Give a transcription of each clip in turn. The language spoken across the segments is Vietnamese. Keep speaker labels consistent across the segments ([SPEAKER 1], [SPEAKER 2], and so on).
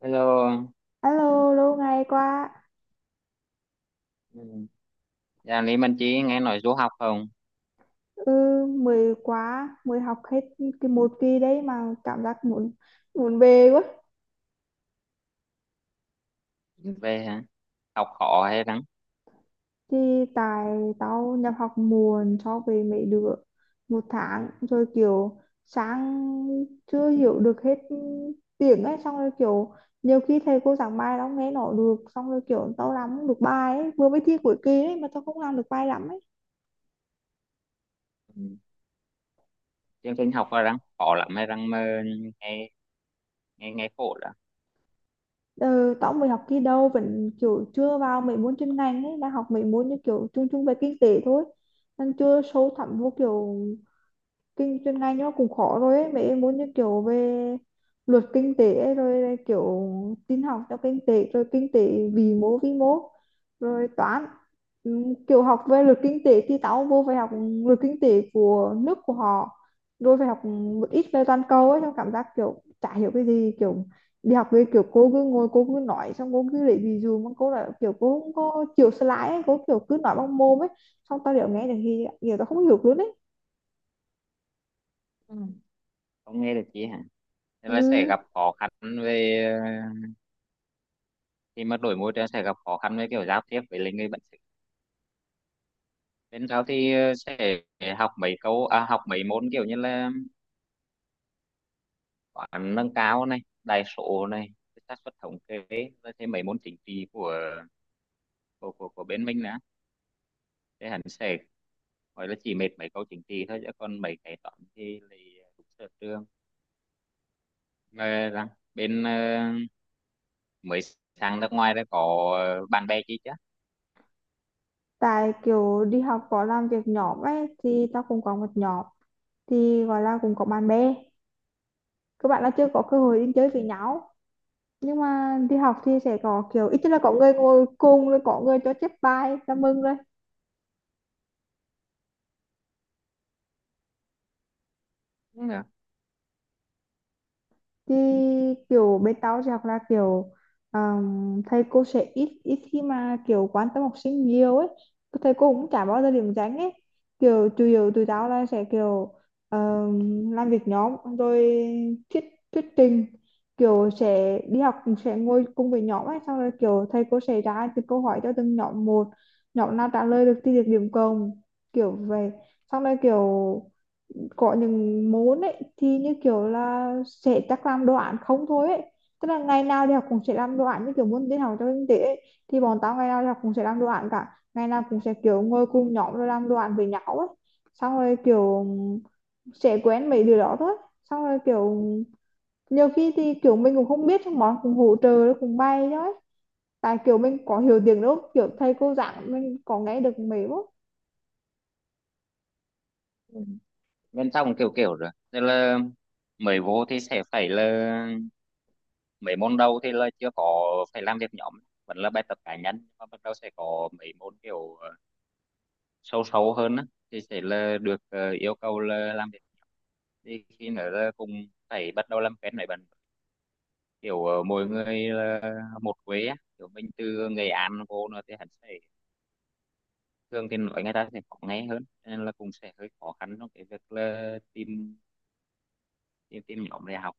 [SPEAKER 1] Hello,
[SPEAKER 2] Alo, lâu ngày quá.
[SPEAKER 1] ừ. Dạ, Lý Minh Chí nghe nói du học không?
[SPEAKER 2] Ừ, mới quá, mới học hết cái một kỳ đấy mà cảm giác muốn muốn về quá.
[SPEAKER 1] Về hả? Học khó hay răng?
[SPEAKER 2] Thì tại tao nhập học muộn so với mấy đứa một tháng rồi, kiểu sáng chưa hiểu được hết tiếng ấy, xong rồi kiểu nhiều khi thầy cô giảng bài tao không nghe nổi được, xong rồi kiểu tao làm không được bài ấy, vừa mới thi cuối kỳ ấy mà tao không làm được bài lắm ấy.
[SPEAKER 1] Ừ. Chương trình học là răng khó lắm hay răng mơ, nghe nghe nghe khổ đó.
[SPEAKER 2] Ừ, tao mới học kỳ đầu vẫn kiểu chưa vào mấy môn chuyên ngành ấy, đang học mấy môn như kiểu chung chung về kinh tế thôi, đang chưa sâu thẳm vô kiểu kinh chuyên ngành nó cũng khó rồi ấy. Mấy em muốn như kiểu về luật kinh tế ấy, rồi là kiểu tin học cho kinh tế, rồi kinh tế vĩ mô vi mô, rồi toán. Kiểu học về luật kinh tế thì tao vô phải học luật kinh tế của nước của họ, rồi phải học một ít về toàn cầu ấy, xong cảm giác kiểu chả hiểu cái gì, kiểu đi học về kiểu cô cứ ngồi cô cứ nói, xong cô cứ lấy ví dụ mà cô là kiểu cô không có chịu slide ấy, cô kiểu cứ nói bằng mồm ấy, xong tao đều nghe được thì kiểu tao không hiểu luôn ấy.
[SPEAKER 1] Ừ, không nghe được chí hả? Thế là sẽ gặp
[SPEAKER 2] Ừ,
[SPEAKER 1] khó khăn về ờ, khi mà đổi môi trường, sẽ gặp khó khăn với kiểu giao tiếp với lại người bản xứ. Bên sau thì sẽ học học mấy môn kiểu như là toán nâng cao này, đại số này, xác suất thống kê, rồi thêm mấy môn chính trị của bên mình nữa. Thế hẳn sẽ gọi là chỉ mệt mấy câu chính trị thôi, chứ còn mấy cái toán thì lại đúng sở trường. Ờ, rằng bên mới sang nước ngoài đã có bạn bè chi chứ.
[SPEAKER 2] tại kiểu đi học có làm việc nhóm ấy thì tao cũng có một nhóm, thì gọi là cũng có bạn bè, các bạn là chưa có cơ hội đi chơi
[SPEAKER 1] Ừ.
[SPEAKER 2] với nhau, nhưng mà đi học thì sẽ có kiểu ít nhất là có người ngồi cùng, rồi có người cho chép bài là mừng rồi.
[SPEAKER 1] Đúng rồi.
[SPEAKER 2] Thì kiểu bên tao thì học là kiểu thầy cô sẽ ít ít khi mà kiểu quan tâm học sinh nhiều ấy, thầy cô cũng chả bao giờ điểm danh ấy, kiểu chủ yếu tụi tao là sẽ kiểu làm việc nhóm, rồi thuyết thuyết trình, kiểu sẽ đi học sẽ ngồi cùng với nhóm ấy, xong rồi kiểu thầy cô sẽ ra từng câu hỏi cho từng nhóm, một nhóm nào trả lời được thì được điểm cộng, kiểu vậy. Xong rồi kiểu có những môn ấy thì như kiểu là sẽ chắc làm đồ án không thôi ấy, tức là ngày nào đi học cũng sẽ làm đồ án, như kiểu môn tin học cho kinh tế ấy. Thì bọn tao ngày nào đi học cũng sẽ làm đồ án cả, ngày nào cũng sẽ kiểu ngồi cùng nhóm rồi làm đồ án với nhau ấy, xong rồi kiểu sẽ quen mấy điều đó thôi. Xong rồi kiểu nhiều khi thì kiểu mình cũng không biết, xong bọn cũng hỗ trợ cùng bay thôi, tại kiểu mình có hiểu tiếng đâu, kiểu thầy cô giảng mình có nghe được mấy bước.
[SPEAKER 1] Ừ, bên trong kiểu kiểu rồi tức là mới vô thì sẽ phải là mấy môn đầu thì là chưa có phải làm việc nhóm, vẫn là bài tập cá nhân, nhưng mà bắt đầu sẽ có mấy môn kiểu sâu sâu hơn á thì sẽ là được yêu cầu là làm việc, thì khi nữa là cũng phải bắt đầu làm quen với bạn, kiểu mỗi người là một quê á, kiểu mình từ Nghệ An vô nữa thì hắn sẽ thường thì nói người ta sẽ khó nghe hơn, cho nên là cũng sẽ hơi khó khăn trong cái việc là tìm tìm, tìm nhóm để học.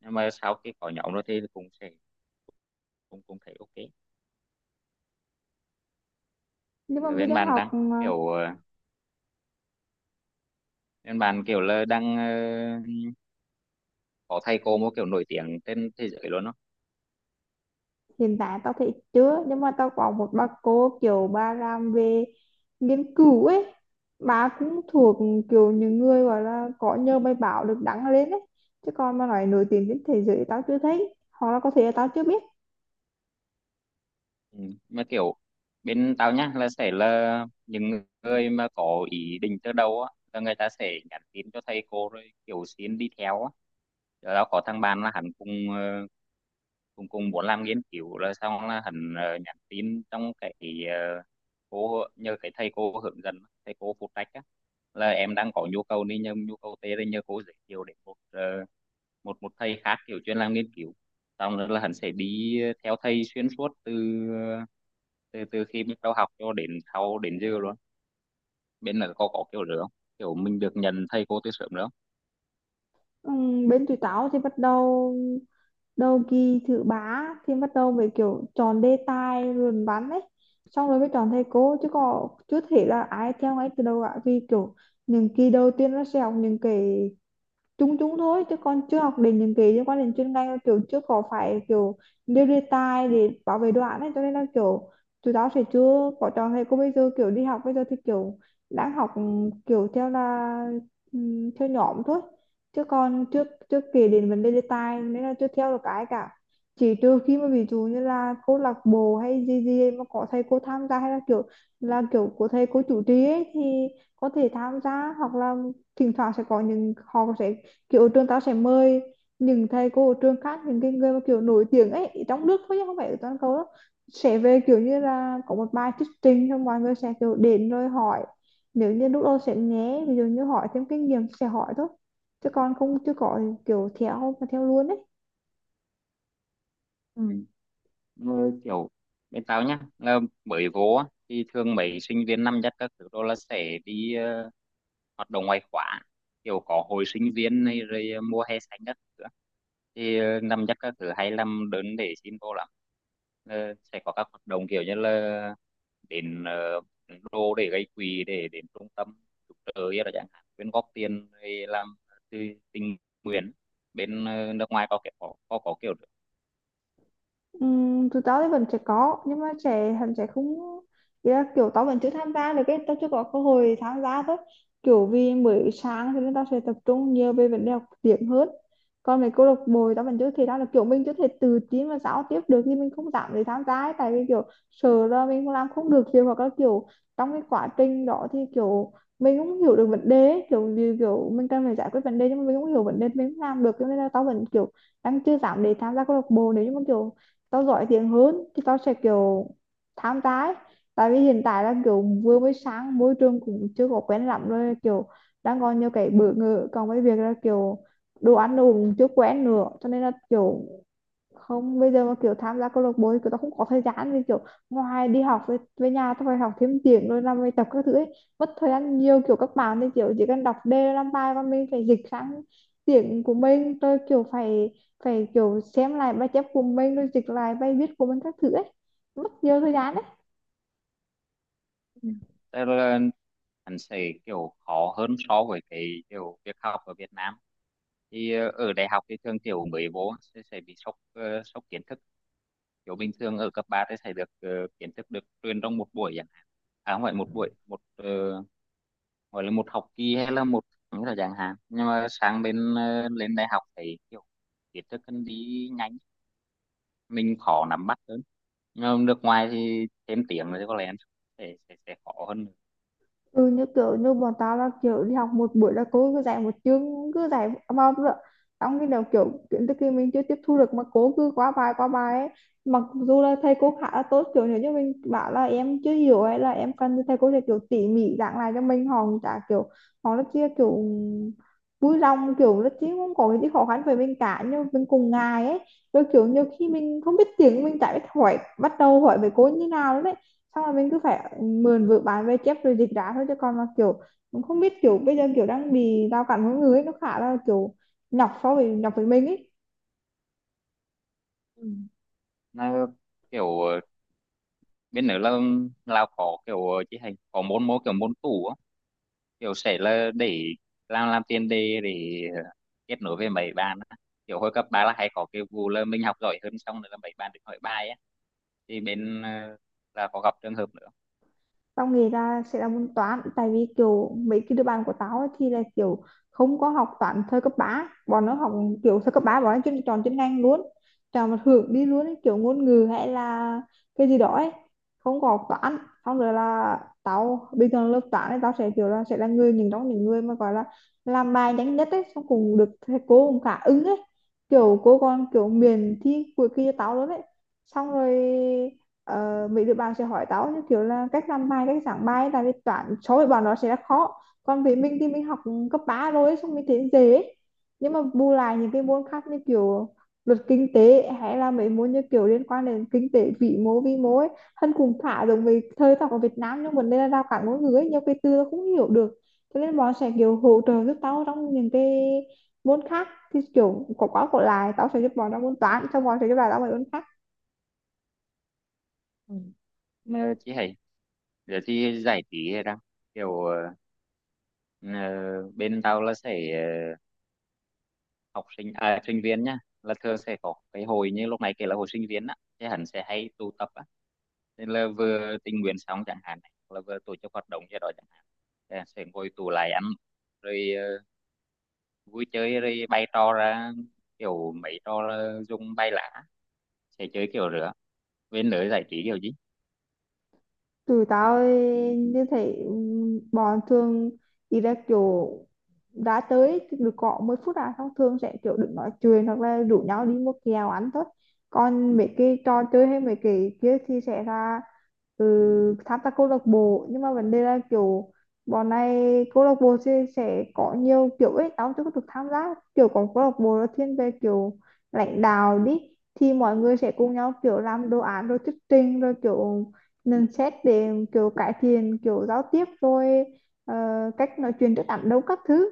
[SPEAKER 1] Nhưng mà sau khi có nhóm rồi thì cũng sẽ cũng cũng thấy ok.
[SPEAKER 2] Nhưng mà
[SPEAKER 1] Rồi
[SPEAKER 2] mình
[SPEAKER 1] bên
[SPEAKER 2] đang
[SPEAKER 1] bạn
[SPEAKER 2] học,
[SPEAKER 1] đang kiểu bên bạn kiểu là đang có thầy cô một kiểu nổi tiếng trên thế giới luôn đó.
[SPEAKER 2] hiện tại tao thấy chưa, nhưng mà tao có một bà cô kiểu bà làm về nghiên cứu ấy, bà cũng thuộc kiểu những người gọi là có nhờ bài báo được đăng lên ấy, chứ còn mà nói nổi tiếng trên thế giới tao chưa thấy, hoặc là có thể là tao chưa biết.
[SPEAKER 1] Ừ. Mà kiểu bên tao nhá là sẽ là những người mà có ý định từ đầu á, là người ta sẽ nhắn tin cho thầy cô rồi kiểu xin đi theo á. Rồi tao có thằng bạn là hắn cùng cũng muốn làm nghiên cứu, rồi xong là hắn nhắn tin trong cái ờ, cô nhờ cái thầy cô hướng dẫn, thầy cô phụ trách á, là em đang có nhu cầu này nhờ nhu cầu tê, đây nhờ cô giới thiệu đến một ờ, một một thầy khác kiểu chuyên làm nghiên cứu, xong rồi là hắn sẽ đi theo thầy xuyên suốt từ từ từ khi bắt đầu học cho đến sau đến giờ luôn. Bên là có kiểu nữa, kiểu mình được nhận thầy cô từ sớm nữa.
[SPEAKER 2] Bên tụi tao thì bắt đầu đầu kỳ thứ ba thì bắt đầu về kiểu chọn đề tài luận văn ấy, xong rồi mới chọn thầy cô, chứ có chưa thể là ai theo ngay từ đầu cả, vì kiểu những kỳ đầu tiên nó sẽ học những cái chung chung thôi, chứ con chưa học đến những cái liên quan đến chuyên ngành, kiểu chưa có phải kiểu nêu đề tài để bảo vệ đoạn ấy, cho nên là kiểu tụi tao sẽ chưa có chọn thầy cô bây giờ. Kiểu đi học bây giờ thì kiểu đang học, kiểu theo là theo nhóm thôi, chứ còn trước trước kể đến vấn đề đề tài nên là chưa theo được cái cả, chỉ trừ khi mà ví dụ như là câu lạc bộ hay gì gì mà có thầy cô tham gia, hay là kiểu của thầy cô chủ trì ấy thì có thể tham gia, hoặc là thỉnh thoảng sẽ có những họ sẽ kiểu trường tao sẽ mời những thầy cô ở trường khác, những cái người mà kiểu nổi tiếng ấy ở trong nước thôi chứ không phải ở toàn cầu đâu, sẽ về kiểu như là có một bài thuyết trình, xong mọi người sẽ kiểu đến rồi hỏi, nếu như lúc đó sẽ nhé ví dụ như hỏi thêm kinh nghiệm sẽ hỏi thôi, chứ còn không chưa có kiểu theo mà theo luôn ấy.
[SPEAKER 1] Ừ. Ừ. Kiểu bên tao nhá là mới vô á, thì thường mấy sinh viên năm nhất các thứ đó là sẽ đi hoạt động ngoại khóa, kiểu có hội sinh viên này rồi mua hè xanh các thứ á. Thì năm chắc các thứ hay làm đơn để xin vô lắm. Ờ, sẽ có các hoạt động kiểu như là đến đô để gây quỹ, để đến trung tâm cứu trợ ấy là chẳng hạn, quyên góp tiền để làm từ tình nguyện. Bên nước ngoài có kiểu có kiểu được.
[SPEAKER 2] Tụi tao thì vẫn sẽ có, nhưng mà sẽ hắn sẽ không, ý là kiểu tao vẫn chưa tham gia được, cái tao chưa có cơ hội tham gia thôi, kiểu vì mới sáng cho nên tao sẽ tập trung nhiều về vấn đề học tiếng hơn. Còn mấy câu lạc bộ thì tao vẫn chưa thể ra được, kiểu mình chưa thể tự tin và giao tiếp được thì mình không dám để tham gia ấy. Tại vì kiểu sợ là mình không làm không được việc, hoặc là kiểu trong cái quá trình đó thì kiểu mình cũng hiểu được vấn đề ấy, kiểu như kiểu mình cần phải giải quyết vấn đề nhưng mà mình không hiểu vấn đề, mình không làm được, cho nên là tao vẫn kiểu đang chưa dám để tham gia câu lạc bộ. Nếu như mà kiểu tao giỏi tiếng hơn thì tao sẽ kiểu tham gia ấy. Tại vì hiện tại là kiểu vừa mới sáng, môi trường cũng chưa có quen lắm, rồi kiểu đang còn nhiều cái bỡ ngỡ, còn với việc là kiểu đồ ăn đồ cũng chưa quen nữa, cho nên là kiểu không bây giờ mà kiểu tham gia câu lạc bộ thì kiểu tao không có thời gian, vì kiểu ngoài đi học với nhà tao phải học thêm tiếng rồi làm bài tập các thứ ấy, mất thời gian nhiều. Kiểu các bạn thì kiểu chỉ cần đọc đề làm bài, và mình phải dịch sang tiếng của mình, rồi kiểu phải phải kiểu xem lại bài chép của mình rồi dịch lại bài viết của mình các thứ ấy, mất nhiều thời gian.
[SPEAKER 1] Ừ, tức là hắn sẽ kiểu khó hơn so với cái kiểu việc học ở Việt Nam. Thì ở đại học thì thường kiểu mới vô sẽ bị sốc kiến thức, kiểu bình thường ở cấp 3 thì sẽ được kiến thức được truyền trong một buổi chẳng hạn, à không phải một buổi, gọi là một học kỳ hay là một những là chẳng hạn. Nhưng mà sang bên lên đại học thì kiểu kiến thức cần đi nhanh, mình khó nắm bắt hơn, nhưng mà nước ngoài thì thêm tiếng rồi thì có lẽ sẽ, khó hơn.
[SPEAKER 2] Ừ, như kiểu như bọn tao là kiểu đi học một buổi là cô cứ dạy một chương cứ dạy bao vào, trong khi nào kiểu kiến thức kia mình chưa tiếp thu được mà cô cứ quá bài ấy. Mặc dù là thầy cô khá là tốt, kiểu nếu như mình bảo là em chưa hiểu hay là em cần thì thầy cô sẽ kiểu tỉ mỉ giảng lại cho mình, họ cũng chả kiểu, họ rất chia kiểu vui lòng kiểu rất, chứ không có cái gì khó khăn với mình cả, nhưng mình cùng ngài ấy, rồi kiểu nhiều khi mình không biết tiếng, mình chả biết hỏi bắt đầu hỏi về cô như nào đấy, xong rồi mình cứ phải mượn vở bán về chép rồi dịch ra thôi, chứ còn mà kiểu cũng không biết kiểu bây giờ kiểu đang bị rào cản ngôn người ấy, nó khá là kiểu nhọc so với nhọc với mình ấy.
[SPEAKER 1] Ừ, nó kiểu bên nữa là Lào có kiểu chỉ hành có môn môn kiểu môn tủ á, kiểu sẽ là để làm tiền đề để kết nối với mấy bạn á. Kiểu hồi cấp ba là hay có cái vụ là mình học giỏi hơn, xong rồi là mấy bạn được hỏi bài á, thì bên là có gặp trường hợp nữa.
[SPEAKER 2] Tao nghĩ là sẽ là môn toán, tại vì kiểu mấy cái đứa bạn của tao ấy thì là kiểu không có học toán thời cấp ba, bọn nó học kiểu thời cấp 3 bọn nó chuyên chọn chuyên ngành luôn, chọn một hưởng đi luôn ấy, kiểu ngôn ngữ hay là cái gì đó ấy, không có học toán. Xong rồi là tao bình thường lớp toán ấy tao sẽ kiểu là sẽ là người những trong những người mà gọi là làm bài nhanh nhất ấy, xong cùng được thầy cô cũng khá ưng ấy, kiểu cô còn kiểu miền thi cuối kỳ cho tao luôn ấy, xong rồi ờ, mấy đứa bạn sẽ hỏi tao như kiểu là cách làm bài cách giảng bài, tại vì toán số với bọn nó sẽ là khó, còn với mình thì mình học cấp 3 rồi xong mình thấy dễ ấy. Nhưng mà bù lại những cái môn khác như kiểu luật kinh tế, hay là mấy môn như kiểu liên quan đến kinh tế vĩ mô vi mô ấy, thân cùng thả giống với thời tao ở Việt Nam, nhưng vấn đề là rào cản ngôn ngữ ấy, nhiều cái từ tao không hiểu được, cho nên bọn sẽ kiểu hỗ trợ giúp tao trong những cái môn khác, thì kiểu có quá có lại, tao sẽ giúp bọn trong môn toán, xong bọn sẽ giúp lại tao mấy môn khác.
[SPEAKER 1] Ừ. Mà chị hay giờ thì giải trí ra kiểu ờ, bên tao là sẽ học sinh à, sinh viên nhá, là thường sẽ có cái hồi như lúc này kể là hồi sinh viên á, thì hắn sẽ hay tụ tập á, nên là vừa tình nguyện xong chẳng hạn này, là vừa tổ chức hoạt động gì đó chẳng hạn, thì hắn sẽ ngồi tụ lại ăn rồi vui chơi, rồi bày trò ra, kiểu mấy trò là dùng bay lã, sẽ chơi kiểu rửa bên lưới giải trí kiểu
[SPEAKER 2] Tụi tao như thế, bọn thường đi ra kiểu đã tới được có 10 phút à, xong thường sẽ kiểu đừng nói chuyện hoặc là rủ nhau đi mua kẹo ăn thôi. Còn mấy cái trò chơi hay mấy cái kia thì sẽ là ừ, tham gia câu lạc bộ, nhưng mà vấn đề là kiểu bọn này câu lạc bộ sẽ có nhiều kiểu ấy, tao chưa có được tham gia. Kiểu có câu lạc bộ là thiên về kiểu lãnh đạo đi, thì mọi người sẽ cùng nhau kiểu làm đồ án rồi thuyết trình, rồi kiểu nên xét để kiểu cải thiện kiểu giao tiếp, rồi ờ, cách nói chuyện trước đám đông các thứ,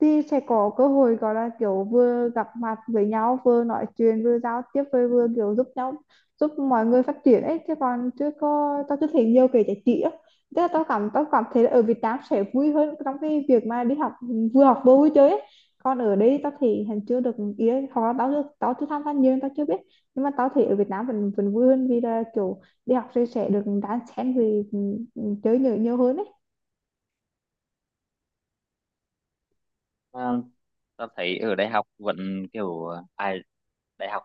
[SPEAKER 2] thì sẽ có cơ hội gọi là kiểu vừa gặp mặt với nhau, vừa nói chuyện vừa giao tiếp, vừa vừa kiểu giúp nhau, giúp mọi người phát triển ấy. Chứ còn chưa có, tao chưa thấy nhiều cái giải trí á, tức là tao cảm thấy là ở Việt Nam sẽ vui hơn trong cái việc mà đi học, vừa học vừa vui chơi ấy. Còn ở đây tao thì hình chưa được ý ấy, hoặc là tao chưa tham gia nhiều nên tao chưa biết, nhưng mà tao thấy ở Việt Nam vẫn vẫn vui hơn, vì là kiểu đi học thì sẽ được đan xen, vì chơi nhiều nhiều hơn ấy.
[SPEAKER 1] gì. Tao thấy ở đại học vẫn kiểu à, ai đại học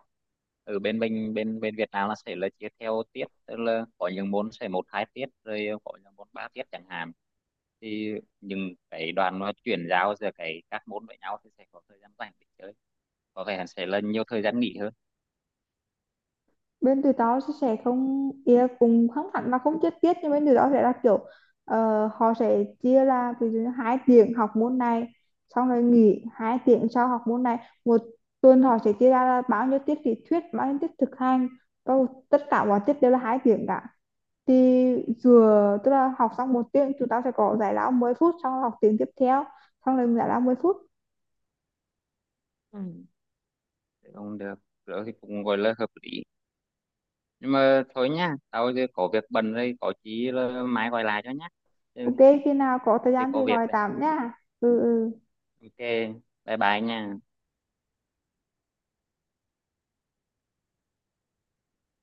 [SPEAKER 1] ở bên mình bên bên Việt Nam là sẽ là chia theo tiết, tức là có những môn sẽ một hai tiết, rồi có những môn ba tiết chẳng hạn, thì những cái đoàn nó chuyển giao giữa cái các môn với nhau thì sẽ có thời gian rảnh để chơi, có vẻ sẽ là nhiều thời gian nghỉ hơn.
[SPEAKER 2] Bên tụi tao sẽ không, ý là cũng không hẳn là không chi tiết, nhưng bên tụi tao sẽ là kiểu ờ, họ sẽ chia là ví dụ như 2 tiếng học môn này, xong rồi nghỉ 2 tiếng sau học môn này. Một tuần họ sẽ chia ra là bao nhiêu tiết lý thuyết bao nhiêu tiết thực hành, bao tất cả mọi tiết đều là 2 tiếng cả, thì vừa tức là học xong một tiếng chúng ta sẽ có giải lao 10 phút, xong rồi học tiếng tiếp theo, xong rồi giải lao 10 phút.
[SPEAKER 1] Ừ. Thế không được, rồi thì cũng gọi là hợp lý. Nhưng mà thôi nha, tao giờ có việc bận rồi, có chí là mai gọi lại cho nhá,
[SPEAKER 2] Ok,
[SPEAKER 1] chứ
[SPEAKER 2] khi nào có thời
[SPEAKER 1] giờ
[SPEAKER 2] gian thì
[SPEAKER 1] có việc
[SPEAKER 2] gọi
[SPEAKER 1] đây.
[SPEAKER 2] tạm nha. Ừ ừ.
[SPEAKER 1] Ok, bye bye nha.